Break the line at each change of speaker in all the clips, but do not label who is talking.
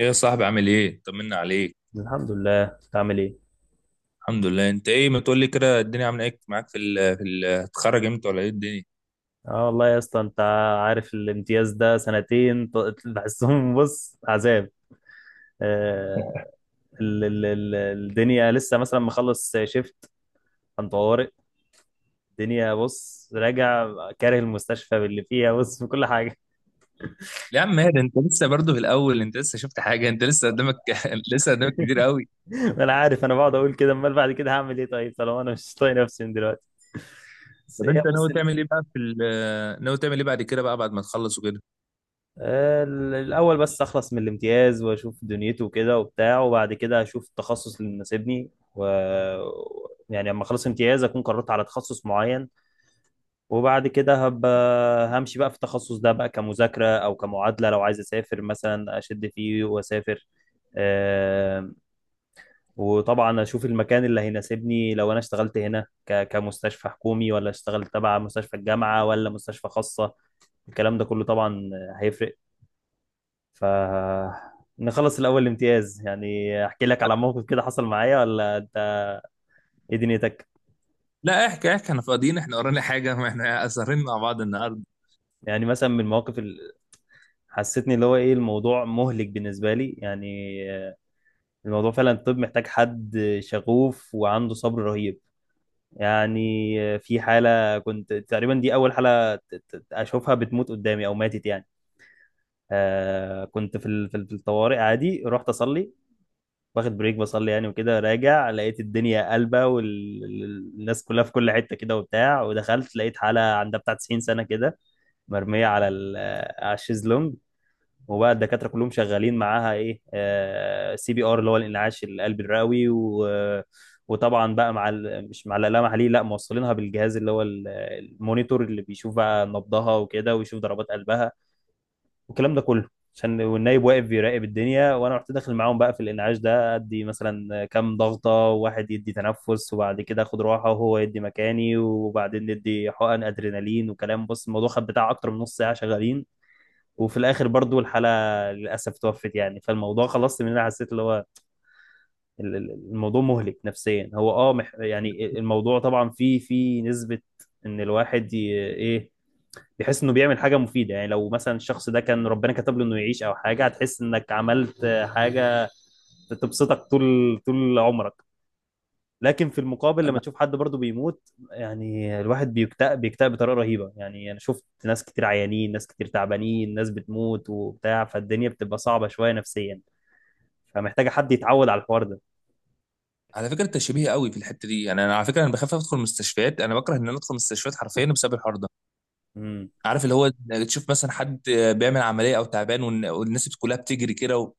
ايه يا صاحبي، عامل ايه؟ طمنا عليك.
الحمد لله، انت عامل ايه؟
الحمد لله. انت ايه؟ ما تقول لي كده الدنيا عامله ايه معاك؟ في ال في ال هتتخرج امتى ولا ايه الدنيا؟
اه والله يا اسطى، انت عارف الامتياز ده سنتين، بحسهم بص عذاب. آه. ال الدنيا لسه مثلا مخلص شيفت عن طوارئ. الدنيا بص راجع كاره المستشفى باللي فيها، بص في كل حاجة.
لا يا عم هادي، انت لسه برضه في الاول، انت لسه شفت حاجه، انت لسه قدامك. لسه قدامك كتير قوي.
ما انا عارف، انا بقعد اقول كده، امال بعد كده هعمل ايه طيب طالما انا مش طايق نفسي من دلوقتي؟ بس
طب
هي
انت
بص.
ناوي تعمل ايه بقى ناوي تعمل ايه بعد كده بقى، بعد ما تخلص وكده؟
الأول بس أخلص من الامتياز وأشوف دنيته كده وبتاع، وبعد كده أشوف التخصص اللي مناسبني. و يعني لما أخلص امتياز أكون قررت على تخصص معين، وبعد كده هبقى همشي بقى في التخصص ده بقى كمذاكرة أو كمعادلة. لو عايز أسافر مثلا أشد فيه وأسافر. آم، وطبعا أشوف المكان اللي هيناسبني، لو أنا اشتغلت هنا كمستشفى حكومي ولا اشتغلت تبع مستشفى الجامعة ولا مستشفى خاصة. الكلام ده كله طبعا هيفرق. فنخلص الأول الامتياز يعني. أحكي لك على موقف كده حصل معايا، ولا أنت إيه دنيتك؟
لا، احكي احكي، احنا فاضيين، احنا ورانا حاجه؟ ما احنا سهرين مع بعض النهارده.
يعني مثلا من المواقف اللي حسيتني اللي هو إيه، الموضوع مهلك بالنسبة لي يعني. الموضوع فعلا الطب محتاج حد شغوف وعنده صبر رهيب يعني. في حالة كنت تقريبا دي أول حالة أشوفها بتموت قدامي أو ماتت يعني. آه كنت في الطوارئ، عادي رحت أصلي واخد بريك بصلي يعني، وكده راجع لقيت الدنيا قلبة والناس كلها في كل حتة كده وبتاع، ودخلت لقيت حالة عندها بتاع 90 سنة كده، مرمية على على الشيزلونج. وبقى الدكاترة كلهم شغالين معاها ايه، سي بي ار اللي هو الانعاش القلبي الرئوي. وطبعا بقى مش مع الآلة محليه، لا موصلينها بالجهاز اللي هو المونيتور اللي بيشوف بقى نبضها وكده ويشوف ضربات قلبها والكلام ده كله. عشان والنايب واقف بيراقب الدنيا، وانا رحت داخل معاهم بقى في الانعاش ده، ادي مثلا كام ضغطه، وواحد يدي تنفس، وبعد كده اخد راحه وهو يدي مكاني، وبعدين ندي حقن ادرينالين وكلام. بص الموضوع خد بتاع اكتر من نص ساعه شغالين، وفي الاخر برضو الحاله للاسف توفت يعني. فالموضوع خلصت من هنا حسيت اللي هو الموضوع مهلك نفسيا. هو اه يعني الموضوع طبعا فيه نسبه ان الواحد ي- ايه بحيث انه بيعمل حاجه مفيده، يعني لو مثلا الشخص ده كان ربنا كتب له انه يعيش او حاجه، هتحس انك عملت حاجه تبسطك طول عمرك. لكن في المقابل لما
انا
تشوف حد برضه بيموت، يعني الواحد بيكتئب بطريقه رهيبه يعني. انا شفت ناس كتير عيانين، ناس كتير تعبانين، ناس بتموت وبتاع. فالدنيا بتبقى صعبه شويه نفسيا، فمحتاجه حد يتعود على الحوار ده.
على فكره انت شبيه قوي في الحته دي، يعني انا على فكره انا بخاف ادخل مستشفيات، انا بكره ان انا ادخل مستشفيات حرفيا بسبب الحوار ده.
امم.
عارف اللي هو تشوف مثلا حد بيعمل عمليه او تعبان والناس كلها بتجري كده و...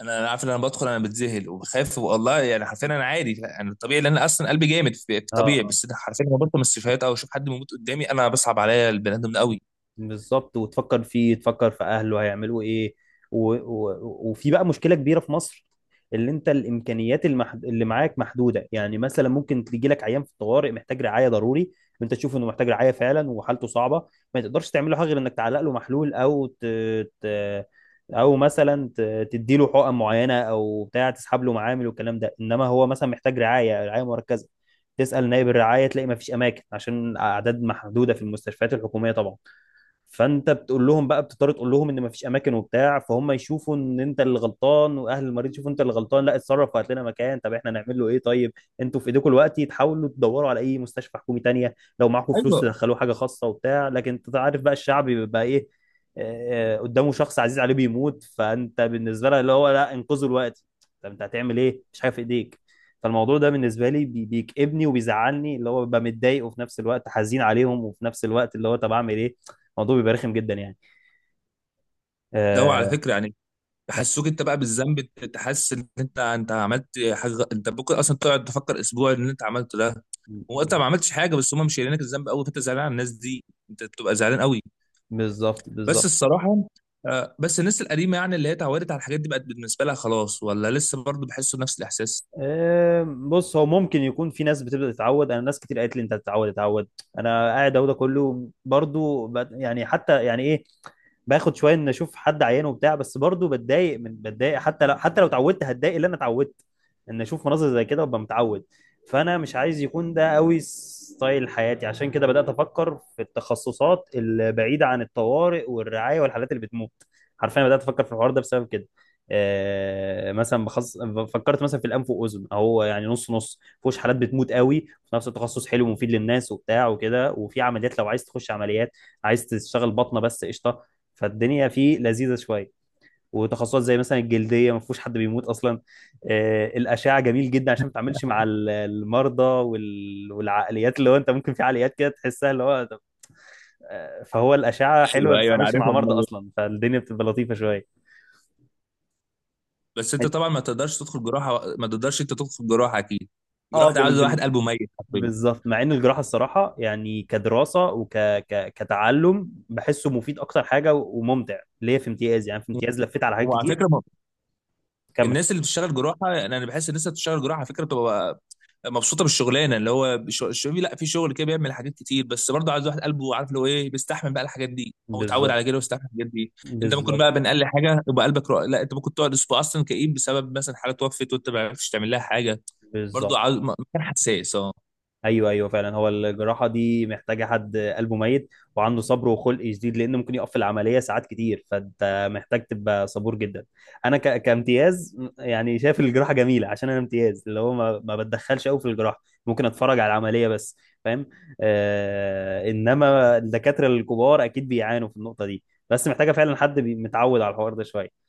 انا عارف ان انا بدخل انا بتذهل وبخاف والله، يعني حرفيا انا عادي، يعني الطبيعي، لان أنا اصلا قلبي جامد في
اه
طبيعي،
اه
بس أنا حرفيا لما بدخل من السيفيهات او اشوف حد بيموت قدامي انا بصعب عليا البني ادم ده قوي.
بالظبط، وتفكر فيه، تفكر في اهله هيعملوا ايه. و... و... وفي بقى مشكله كبيره في مصر، اللي انت اللي معاك محدوده. يعني مثلا ممكن تيجي لك عيان في الطوارئ محتاج رعايه ضروري، وانت تشوف انه محتاج رعايه فعلا وحالته صعبه، ما تقدرش تعمل له حاجه غير انك تعلق له محلول ت... او تدي له حقن معينه او بتاع، تسحب له معامل والكلام ده. انما هو مثلا محتاج رعايه، رعايه مركزه. تسال نائب الرعايه تلاقي ما فيش اماكن عشان اعداد محدوده في المستشفيات الحكوميه طبعا. فانت بتقول لهم بقى، بتضطر تقول لهم ان مفيش اماكن وبتاع، فهم يشوفوا ان انت اللي غلطان، واهل المريض يشوفوا انت اللي غلطان، لا اتصرف وهات لنا مكان. طب احنا نعمل له ايه طيب؟ انتوا في ايديكم الوقت تحاولوا تدوروا على اي مستشفى حكومي تانية، لو معاكم فلوس
ايوه،
تدخلوه حاجه خاصه وبتاع. لكن انت عارف بقى الشعب بيبقى ايه، آه، آه، قدامه شخص عزيز عليه بيموت، فانت بالنسبه له اللي هو لا انقذوا الوقت. طب انت هتعمل ايه مش حاجه في ايديك. فالموضوع ده بالنسبه لي بيكئبني وبيزعلني، اللي هو ببقى متضايق وفي نفس الوقت حزين عليهم، وفي نفس الوقت اللي هو طب اعمل ايه. الموضوع بيبقى رخم جدا يعني.
لو على
آه.
فكره، يعني
كم-
بحسوك انت بقى بالذنب، أنت تحس ان انت عملت حاجه، انت ممكن اصلا تقعد تفكر اسبوع ان انت عملته ده، وانت ما عملتش حاجه، بس هم مش شايلينك الذنب قوي، فانت زعلان على الناس دي، انت بتبقى زعلان قوي.
بالظبط،
بس
بالظبط.
الصراحه بس الناس القديمه، يعني اللي هي اتعودت على الحاجات دي بقت بالنسبه لها خلاص، ولا لسه برضه بيحسوا نفس الاحساس؟
آه بص، هو ممكن يكون في ناس بتبدا تتعود، انا ناس كتير قالت لي انت هتتعود، اتعود. انا قاعد اهو، ده كله برضو يعني حتى يعني ايه، باخد شويه ان اشوف حد عيان وبتاع. بس برضو بتضايق، من بتضايق حتى لو حتى لو اتعودت هتضايق. اللي انا اتعودت ان اشوف مناظر زي كده وابقى متعود، فانا مش عايز يكون ده قوي ستايل حياتي. عشان كده بدات افكر في التخصصات البعيده عن الطوارئ والرعايه والحالات اللي بتموت، حرفيا بدات افكر في الحوار ده بسبب كده. آه مثلا بخص... فكرت مثلا في الانف واذن اهو، يعني نص نص فيهوش حالات بتموت قوي، وفي نفس التخصص حلو ومفيد للناس وبتاع وكده، وفي عمليات لو عايز تخش عمليات، عايز تشتغل بطنه بس قشطه، فالدنيا فيه لذيذه شويه. وتخصصات زي مثلا الجلديه ما فيهوش حد بيموت اصلا. آه، الاشعه جميل جدا عشان ما تتعاملش مع المرضى والعقليات اللي هو انت ممكن في عقليات كده تحسها اللي هو طب، آه، فهو الاشعه حلوه
ايوه
ما
ايوه، انا
تتعاملش مع
عارفهم
مرضى
أنا.
اصلا، فالدنيا بتبقى لطيفه شويه.
بس انت طبعا ما تقدرش تدخل جراحه، ما تقدرش انت تدخل جراحه اكيد،
اه
جراحه ده عاوز واحد قلبه ميت حرفيا.
بالظبط. مع ان الجراحه الصراحه يعني كدراسه كتعلم بحسه مفيد اكتر حاجه وممتع ليه. في امتياز يعني، في امتياز لفيت على حاجات
وعلى
كتير.
فكره
كمل.
الناس اللي بتشتغل جراحه، يعني انا بحس الناس اللي بتشتغل جراحه على فكره بتبقى مبسوطه بالشغلانه، اللي هو الشباب، لا في شغل كده بيعمل حاجات كتير، بس برضه عايز واحد قلبه عارف اللي هو ايه، بيستحمل بقى الحاجات دي او اتعود
بالظبط
على كده ويستحمل الحاجات دي. انت ممكن
بالظبط
بقى بين اقل حاجه يبقى قلبك رق... لا، انت ممكن تقعد اسبوع اصلا كئيب بسبب مثلا حاله توفت وانت ما عرفتش تعمل لها حاجه. برضه
بالظبط.
عاوز مكان حساس، اه.
ايوه ايوه، فعلا هو الجراحه دي محتاجه حد قلبه ميت، وعنده صبر وخلق شديد، لان ممكن يقف في العمليه ساعات كتير، فانت محتاج تبقى صبور جدا. انا كامتياز يعني شايف الجراحه جميله عشان انا امتياز اللي هو ما بتدخلش قوي في الجراحه، ممكن اتفرج على العمليه بس. فاهم. آه... انما الدكاتره الكبار اكيد بيعانوا في النقطه دي. بس محتاجه فعلا حد متعود على الحوار ده شويه.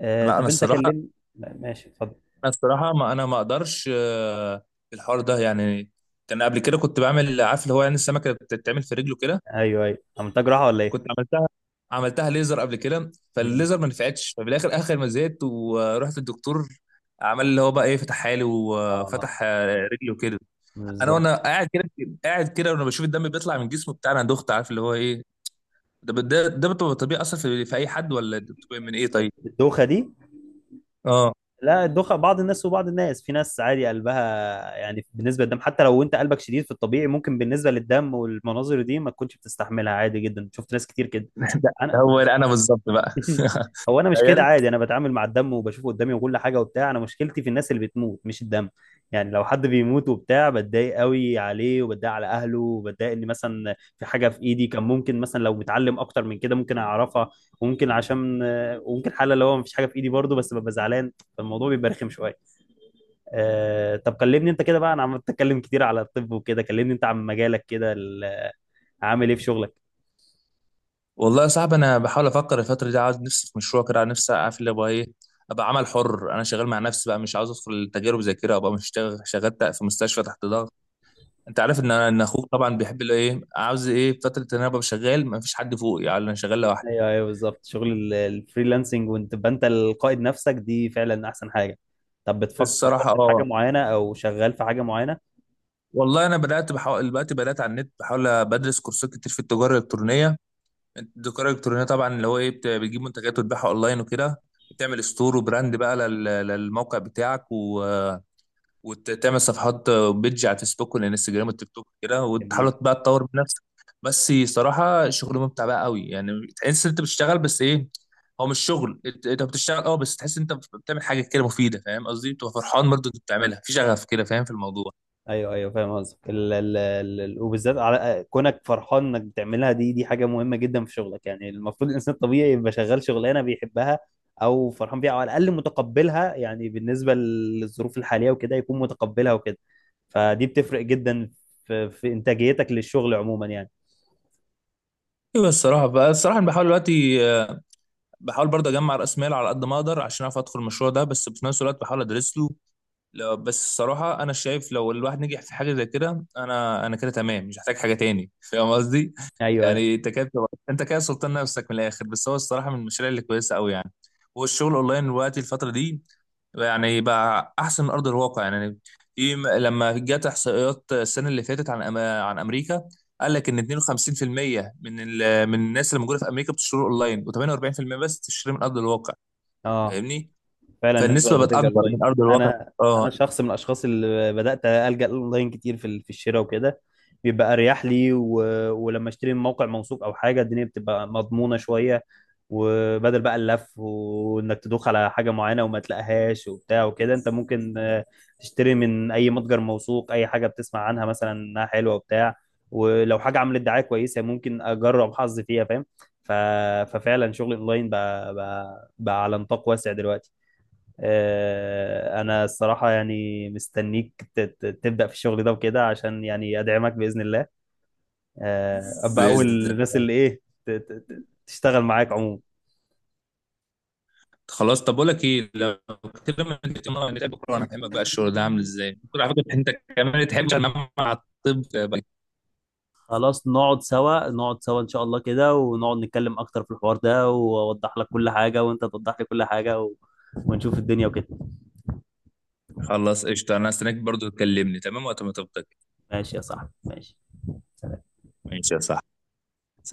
آه...
لا انا
طب انت
الصراحه،
كلمني. ماشي، اتفضل.
انا الصراحه، ما انا ما اقدرش، في الحوار ده يعني. كان قبل كده كنت بعمل، عارف اللي هو، يعني السمكه بتتعمل في رجله كده.
ايوه ايوه، عملتها جراحه ولا ايه؟
كنت عملتها، عملتها ليزر قبل كده،
مم.
فالليزر ما نفعتش، ففي الاخر اخر ما زهقت ورحت الدكتور. عمل اللي هو بقى ايه، فتحها لي
اه.
وفتح رجلي وكده. انا
بالظبط.
وانا قاعد كده، قاعد كده وانا بشوف الدم بيطلع من جسمه بتاع، انا دخت، عارف اللي هو ايه، ده بتبقى طبيعي اصلا في اي حد، ولا ده بتبقى من ايه طيب؟
الدوخه دي؟
اه.
لا الدخن بعض الناس، وبعض الناس في ناس عادي قلبها. يعني بالنسبه للدم حتى لو انت قلبك شديد في الطبيعي، ممكن بالنسبه للدم والمناظر دي ما تكونش بتستحملها. عادي جدا، شفت ناس كتير كده.
ده
انا
هو انا بالظبط بقى.
هو انا مش كده،
تخيل.
عادي انا بتعامل مع الدم وبشوفه قدامي وكل حاجه وبتاع. انا مشكلتي في الناس اللي بتموت مش الدم. يعني لو حد بيموت وبتاع، بتضايق قوي عليه، وبتضايق على اهله، وبتضايق ان مثلا في حاجه في ايدي كان ممكن مثلا لو متعلم اكتر من كده ممكن اعرفها. وممكن عشان وممكن حاله اللي هو مفيش حاجه في ايدي برضه، بس ببقى زعلان. فالموضوع بيبقى رخم شويه. آه، طب كلمني انت كده بقى، انا عمال اتكلم كتير على الطب وكده، كلمني انت عن مجالك كده، عامل ايه في شغلك.
والله يا صاحبي، انا بحاول افكر الفتره دي، عاوز نفسي في مشروع كده، عاوز نفسي عارف اللي هو ايه، ابقى عمل حر، انا شغال مع نفسي بقى، مش عاوز ادخل تجارب زي كده، ابقى مش شغال، شغال في مستشفى تحت ضغط. انت عارف ان انا، ان اخوك طبعا بيحب اللي ايه، عاوز ايه فتره ان انا ابقى شغال ما فيش حد فوقي، يعني انا شغال لوحدي.
ايوه ايوه بالظبط، شغل الفريلانسنج، وانت تبقى انت القائد نفسك، دي فعلا احسن حاجه. طب بتفكر، فكرت
الصراحه
في حاجه
اه،
معينه او شغال في حاجه معينه؟
والله انا بدات بحاول دلوقتي، بدات على النت بحاول بدرس كورسات كتير في التجاره الالكترونيه. التجاره الالكترونيه طبعا اللي هو ايه، بتجيب منتجات وتبيعها اونلاين وكده، بتعمل ستور وبراند بقى للموقع بتاعك، و وتعمل صفحات بيدج على الفيسبوك والانستجرام والتيك توك كده،
جميل.
وتحاول بقى تطور من نفسك. بس صراحه شغل ممتع بقى قوي يعني، تحس ان انت بتشتغل بس ايه، هو مش شغل انت، أنت بتشتغل اه، بس تحس ان انت بتعمل حاجه كده مفيده، فاهم قصدي؟ بتبقى فرحان برضو انت بتعملها في شغف كده، فاهم في الموضوع؟
ايوه ايوه فاهم قصدك، وبالذات على كونك فرحان انك بتعملها، دي حاجه مهمه جدا في شغلك. يعني المفروض الانسان الطبيعي يبقى شغال شغلانه بيحبها، او فرحان بيها، او على الاقل متقبلها، يعني بالنسبه للظروف الحاليه وكده يكون متقبلها وكده. فدي بتفرق جدا في، انتاجيتك للشغل عموما يعني.
ايوه الصراحه بقى، الصراحه انا بحاول دلوقتي بحاول برضه اجمع راس مال على قد ما اقدر عشان اعرف ادخل المشروع ده، بس في نفس الوقت بحاول ادرس له. بس الصراحه انا شايف لو الواحد نجح في حاجه زي كده انا كده تمام، مش محتاج حاجه تاني، فاهم قصدي؟
ايوه ايوه
يعني انت كده انت كده سلطان نفسك من الاخر، بس هو الصراحه من المشاريع اللي كويسه قوي يعني، والشغل اونلاين دلوقتي الفتره دي يعني بقى احسن من ارض الواقع يعني. في لما جت احصائيات السنه اللي فاتت عن عن امريكا، قال لك ان 52% من الناس اللي موجوده في امريكا بتشتري اونلاين، و48% بس بتشتري من ارض الواقع،
اه،
فاهمني؟
فعلا الناس بقت
فالنسبه
بتلجأ
بتكبر
الاونلاين.
من ارض الواقع.
انا
اه،
انا شخص من الاشخاص اللي بدات الجا الاونلاين كتير في في الشراء وكده، بيبقى اريح لي. ولما اشتري من موقع موثوق او حاجه، الدنيا بتبقى مضمونه شويه، وبدل بقى اللف وانك تدوخ على حاجه معينه وما تلاقيهاش وبتاع وكده. انت ممكن تشتري من اي متجر موثوق اي حاجه بتسمع عنها مثلا انها حلوه وبتاع، ولو حاجه عملت دعايه كويسه ممكن اجرب حظي فيها، فاهم. ف... ففعلا شغل الاونلاين بقى على نطاق واسع دلوقتي. آه، انا الصراحه يعني مستنيك تبدا في الشغل ده وكده عشان يعني ادعمك باذن الله. آه، ابقى
باذن
اول الناس
الله.
اللي ايه تشتغل معاك عموما.
خلاص طب بقول لك ايه، لو كده ما نتقابل مرة- نتقابل بكره وانا افهمك بقى الشغل ده عامل ازاي. بكره على فكره انت كمان تحب تنام مع الطب بقى.
خلاص، نقعد سوا ان شاء الله كده، ونقعد نتكلم اكتر في الحوار ده، واوضح لك كل حاجة وانت توضح لي كل حاجة و... ونشوف الدنيا وكده.
خلاص قشطه، انا هستناك برضو، تكلمني تمام وقت ما تفضى.
ماشي يا صاحبي، ماشي. سلام.
ماشي يا صاحبي، سلام.